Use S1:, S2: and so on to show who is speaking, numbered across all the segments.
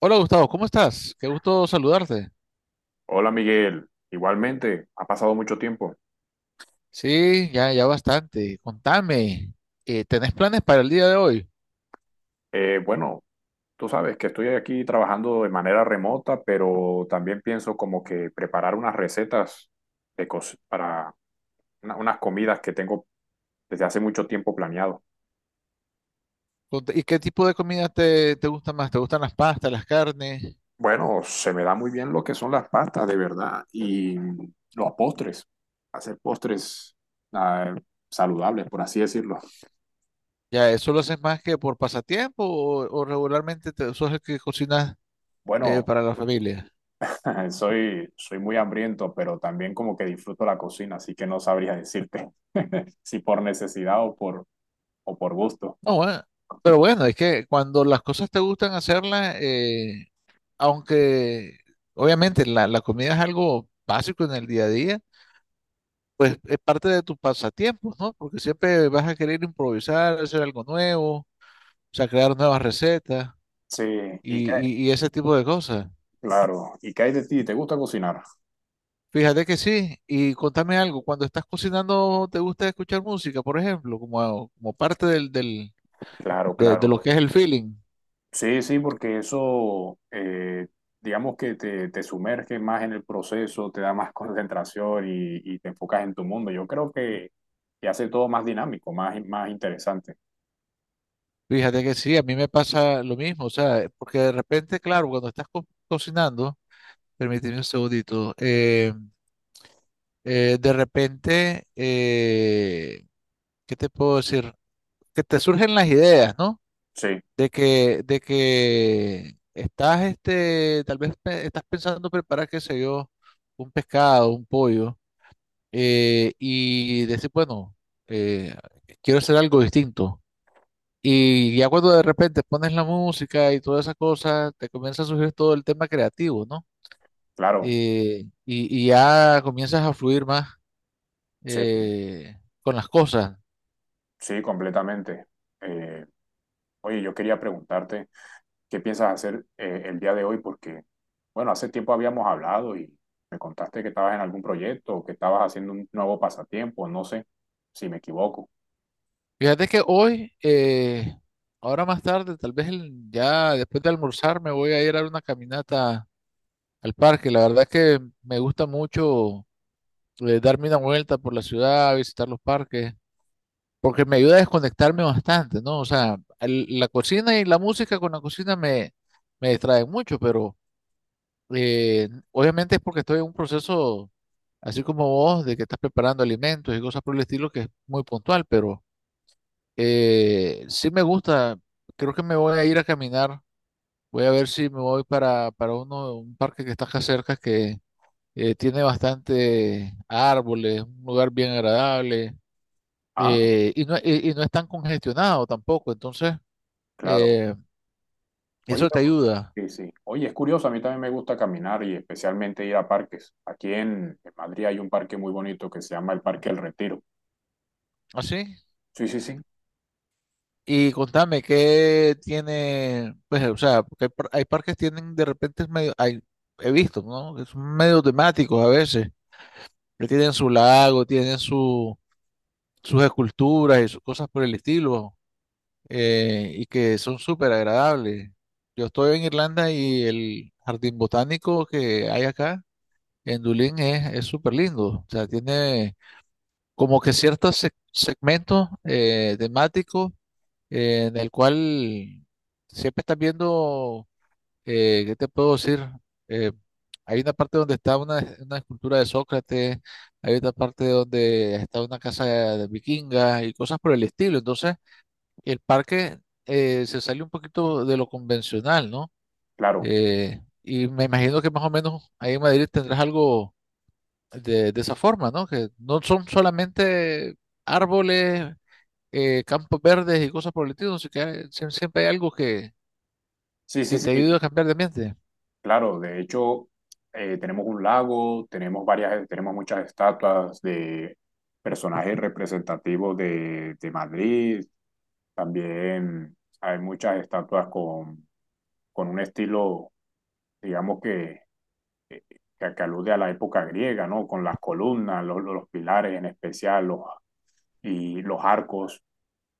S1: Hola Gustavo, ¿cómo estás? Qué gusto saludarte.
S2: Hola Miguel, igualmente, ha pasado mucho tiempo.
S1: Sí, ya, ya bastante. Contame, ¿tenés planes para el día de hoy?
S2: Bueno, tú sabes que estoy aquí trabajando de manera remota, pero también pienso como que preparar unas recetas para unas comidas que tengo desde hace mucho tiempo planeado.
S1: ¿Y qué tipo de comida te gusta más? ¿Te gustan las pastas, las carnes?
S2: Bueno, se me da muy bien lo que son las pastas, de verdad, y los postres, hacer postres ah, saludables, por así decirlo.
S1: ¿Ya eso lo haces más que por pasatiempo o regularmente te, sos el que cocinas
S2: Bueno,
S1: para la familia?
S2: soy muy hambriento, pero también como que disfruto la cocina, así que no sabría decirte si por necesidad o por gusto.
S1: No, bueno, pero bueno, es que cuando las cosas te gustan hacerlas, aunque obviamente la comida es algo básico en el día a día, pues es parte de tus pasatiempos, ¿no? Porque siempre vas a querer improvisar, hacer algo nuevo, o sea, crear nuevas recetas
S2: Sí, y qué-
S1: y ese tipo de cosas.
S2: claro, ¿y qué hay de ti? ¿Te gusta cocinar?
S1: Fíjate que sí, y contame algo, cuando estás cocinando, ¿te gusta escuchar música, por ejemplo, como, como parte
S2: Claro,
S1: de
S2: claro.
S1: lo que es el feeling?
S2: Sí, sí, porque digamos que te sumerge más en el proceso, te da más concentración y te enfocas en tu mundo. Yo creo que te hace todo más dinámico, más, más interesante.
S1: Fíjate que sí, a mí me pasa lo mismo, o sea, porque de repente, claro, cuando estás cocinando, permíteme un segundito, de repente, ¿qué te puedo decir? Que te surgen las ideas, ¿no?
S2: Sí,
S1: De que estás, este, tal vez estás pensando preparar, qué sé yo, un pescado, un pollo, y decir, bueno, eh, quiero hacer algo distinto. Y ya cuando de repente pones la música y todas esas cosas, te comienza a surgir todo el tema creativo, ¿no?
S2: claro,
S1: Y ya comienzas a fluir más
S2: sí,
S1: con las cosas.
S2: sí, completamente. Eh, Oye, yo quería preguntarte. ¿Qué piensas hacer el día de hoy? Porque, bueno, hace tiempo habíamos hablado y me contaste que estabas en algún proyecto o que estabas haciendo un nuevo pasatiempo, no sé si me equivoco.
S1: Fíjate que hoy, ahora más tarde, tal vez ya después de almorzar, me voy a ir a dar una caminata al parque. La verdad que me gusta mucho darme una vuelta por la ciudad, visitar los parques, porque me ayuda a desconectarme bastante, ¿no? O sea, la cocina y la música con la cocina me distraen mucho, pero obviamente es porque estoy en un proceso, así como vos, de que estás preparando alimentos y cosas por el estilo, que es muy puntual, pero… sí me gusta, creo que me voy a ir a caminar. Voy a ver si me voy para uno, un parque que está acá cerca que tiene bastante árboles, un lugar bien agradable,
S2: Ah,
S1: y no es tan congestionado tampoco. Entonces,
S2: claro.
S1: eh,
S2: Oye,
S1: eso te ayuda.
S2: sí, sí. Oye, es curioso, a mí también me gusta caminar y especialmente ir a parques. Aquí en Madrid hay un parque muy bonito que se llama el Parque El Retiro.
S1: ¿Así?
S2: Sí, sí, sí,
S1: Y contame, ¿qué tiene? Pues, o sea, porque hay, hay parques que tienen de repente, es medio, hay, he visto, ¿no? Que son medio temáticos a veces, que tienen su lago, tienen su sus esculturas y sus cosas por el estilo, y que son súper agradables. Yo estoy en Irlanda y el jardín botánico que hay acá en Dublín es súper lindo. O sea, tiene como que ciertos segmentos temáticos, en el cual siempre estás viendo, ¿qué te puedo decir? Eh, hay una parte donde está una escultura de Sócrates, hay otra parte donde está una casa de vikinga y cosas por el estilo. Entonces, el parque se sale un poquito de lo convencional, ¿no?
S2: claro.
S1: Y me imagino que más o menos ahí en Madrid tendrás algo de esa forma, ¿no? Que no son solamente árboles, campos verdes y cosas por el estilo, sino que siempre hay algo
S2: Sí, sí,
S1: que
S2: sí.
S1: te ayuda a cambiar de ambiente.
S2: Claro, de hecho, tenemos un lago, tenemos varias, tenemos muchas estatuas de personajes representativos de Madrid. También hay muchas estatuas con un estilo, digamos que, eh, que alude a la época griega, ¿no? Con las columnas, los pilares en especial, los, y los arcos.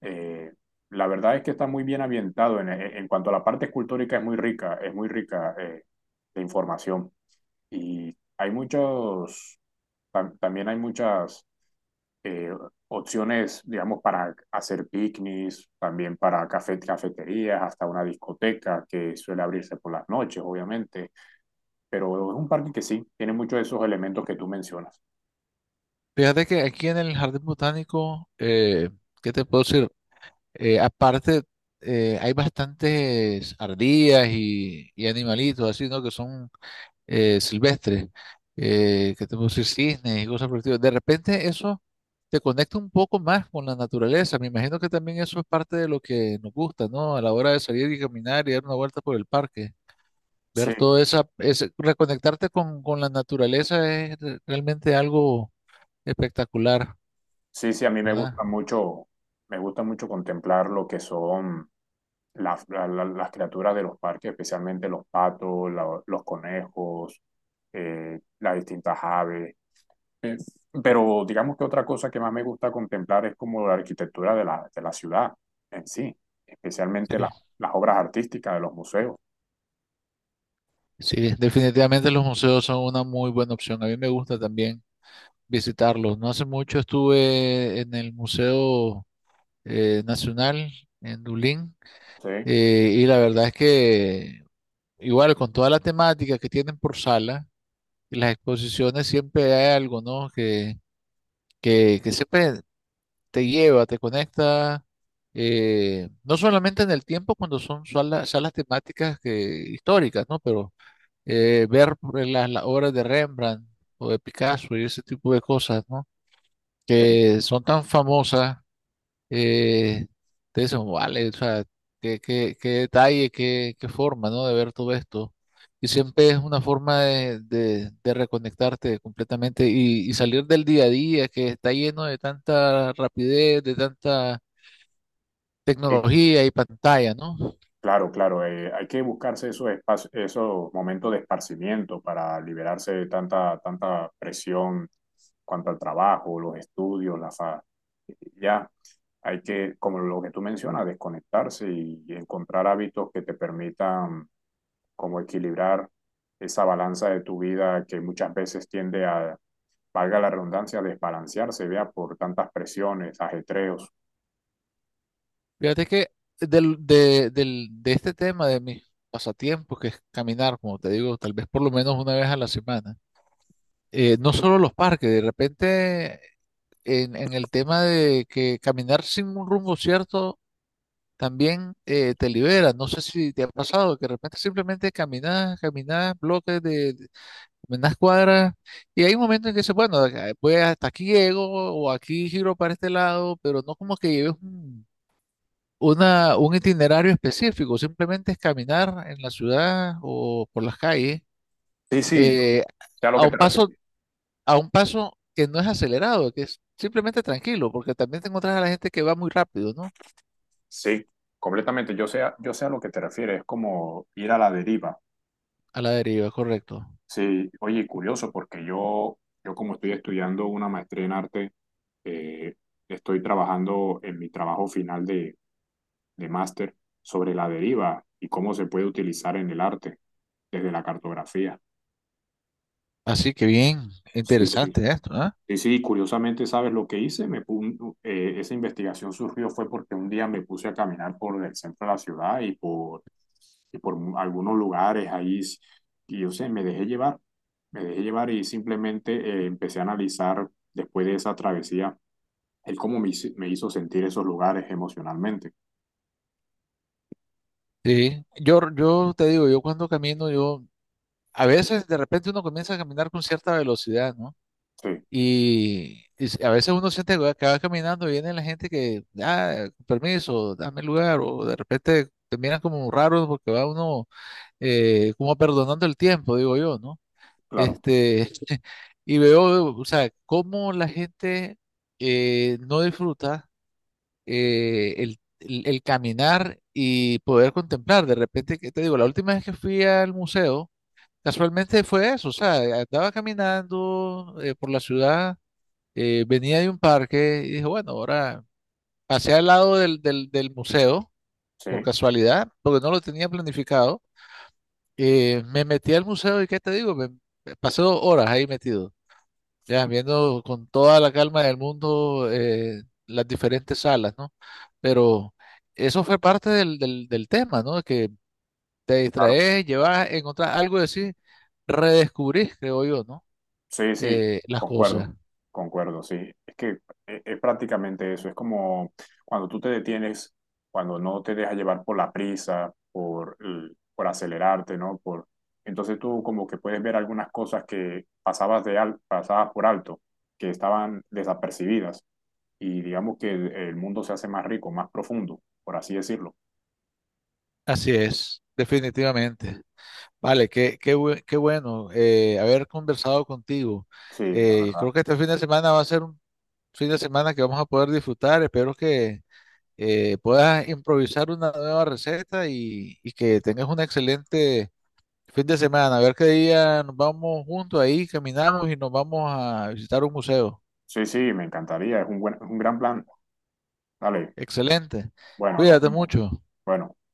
S2: Eh, la verdad es que está muy bien ambientado. En cuanto a la parte escultórica, es muy rica, de información. Y hay muchos, también hay muchas eh, opciones, digamos, para hacer picnics, también para café, cafeterías, hasta una discoteca que suele abrirse por las noches, obviamente. Pero es un parque que sí, tiene muchos de esos elementos que tú mencionas.
S1: Fíjate que aquí en el Jardín Botánico, ¿qué te puedo decir? Aparte, hay bastantes ardillas y animalitos así, ¿no? Que son silvestres. ¿Qué te puedo decir? Cisnes y cosas por el estilo. De repente eso te conecta un poco más con la naturaleza. Me imagino que también eso es parte de lo que nos gusta, ¿no? A la hora de salir y caminar y dar una vuelta por el parque.
S2: Sí,
S1: Ver todo reconectarte con la naturaleza es realmente algo espectacular.
S2: sí, sí, a mí
S1: ¿Verdad?
S2: me gusta mucho contemplar lo que son las criaturas de los parques, especialmente los patos, los conejos, las distintas aves. Eh, pero digamos que otra cosa que más me gusta contemplar es como la arquitectura de de la ciudad en sí, especialmente
S1: Sí,
S2: las obras artísticas de los museos.
S1: sí, definitivamente los museos son una muy buena opción. A mí me gusta también visitarlos. No hace mucho estuve en el Museo Nacional en Dublín,
S2: ¿Sí?
S1: y la verdad es que igual con toda la temática que tienen por sala, las exposiciones siempre hay algo, ¿no? Que siempre te lleva, te conecta. No solamente en el tiempo cuando son salas temáticas que, históricas, ¿no? Pero ver las obras de Rembrandt o de Picasso y ese tipo de cosas, ¿no?
S2: Sí,
S1: Que son tan famosas, eh, te dicen, vale, o sea, qué detalle, qué forma, ¿no? De ver todo esto. Y siempre es una forma de reconectarte completamente y salir del día a día que está lleno de tanta rapidez, de tanta
S2: sí,
S1: tecnología y pantalla, ¿no?
S2: claro, claro, hay que buscarse esos espacios, esos momentos de esparcimiento para liberarse de tanta, tanta presión cuanto al trabajo, los estudios, ya. Hay que, como lo que tú mencionas, desconectarse y encontrar hábitos que te permitan como equilibrar esa balanza de tu vida que muchas veces tiende a, valga la redundancia, desbalancearse, vea, por tantas presiones, ajetreos.
S1: Fíjate que de este tema de mis pasatiempos, que es caminar, como te digo, tal vez por lo menos una vez a la semana, no solo los parques, de repente en el tema de que caminar sin un rumbo cierto también te libera. No sé si te ha pasado que de repente simplemente caminas, caminas bloques caminas cuadras y hay un momento en que dices, bueno, voy hasta aquí llego o aquí giro para este lado, pero no como que lleves un itinerario específico, simplemente es caminar en la ciudad o por las calles,
S2: Sí, sí, yo
S1: eh,
S2: sé a lo
S1: a
S2: que
S1: un
S2: te
S1: paso,
S2: refieres.
S1: a un paso que no es acelerado, que es simplemente tranquilo, porque también te encuentras a la gente que va muy rápido, ¿no?
S2: Sí, completamente, yo sé, yo sé a lo que te refieres, es como ir a la deriva.
S1: A la deriva, correcto.
S2: Sí, oye, curioso, porque yo como estoy estudiando una maestría en arte, eh, estoy trabajando en mi trabajo final de máster sobre la deriva y cómo se puede utilizar en el arte desde la cartografía.
S1: Así que bien,
S2: Sí, sí,
S1: interesante esto, ¿ah?
S2: sí, sí, curiosamente, ¿sabes lo que hice? Esa investigación surgió fue porque un día me puse a caminar por el centro de la ciudad y por algunos lugares ahí, y yo sé, me dejé llevar y simplemente empecé a analizar después de esa travesía el cómo me hizo sentir esos lugares emocionalmente.
S1: Sí, yo te digo, yo cuando camino, yo, a veces de repente uno comienza a caminar con cierta velocidad, ¿no?
S2: Sí,
S1: Y a veces uno siente que va caminando y viene la gente que, ah, permiso, dame lugar, o de repente te miran como raro porque va uno como perdonando el tiempo, digo yo, ¿no?
S2: claro,
S1: Este, y veo, o sea, cómo la gente no disfruta el caminar y poder contemplar. De repente, que te digo, la última vez que fui al museo, casualmente fue eso, o sea, andaba caminando por la ciudad, venía de un parque y dije, bueno, ahora pasé al lado del museo,
S2: sí,
S1: por casualidad, porque no lo tenía planificado. Me metí al museo y ¿qué te digo? Me pasé 2 horas ahí metido, ya viendo con toda la calma del mundo, las diferentes salas, ¿no? Pero eso fue parte del tema, ¿no? Que te
S2: claro.
S1: distraes, llevas, encontrás algo y decís, redescubrís, creo yo, ¿no?
S2: Sí, sí,
S1: Las cosas.
S2: concuerdo, concuerdo, sí. Es que es prácticamente eso, es como cuando tú te detienes, cuando no te dejas llevar por la prisa, por acelerarte, ¿no? Por, entonces tú como que puedes ver algunas cosas que pasabas, pasabas por alto, que estaban desapercibidas y digamos que el mundo se hace más rico, más profundo, por así decirlo.
S1: Así es, definitivamente. Vale, qué bueno haber conversado contigo.
S2: Sí, la
S1: Creo
S2: verdad.
S1: que este fin de semana va a ser un fin de semana que vamos a poder disfrutar. Espero que puedas improvisar una nueva receta y que tengas un excelente fin de semana. A ver qué día nos vamos juntos ahí, caminamos y nos vamos a visitar un museo.
S2: Sí, sí, me encantaría, es un buen, es un gran plan. Dale,
S1: Excelente.
S2: bueno, nos
S1: Cuídate
S2: vemos.
S1: mucho.
S2: Bueno.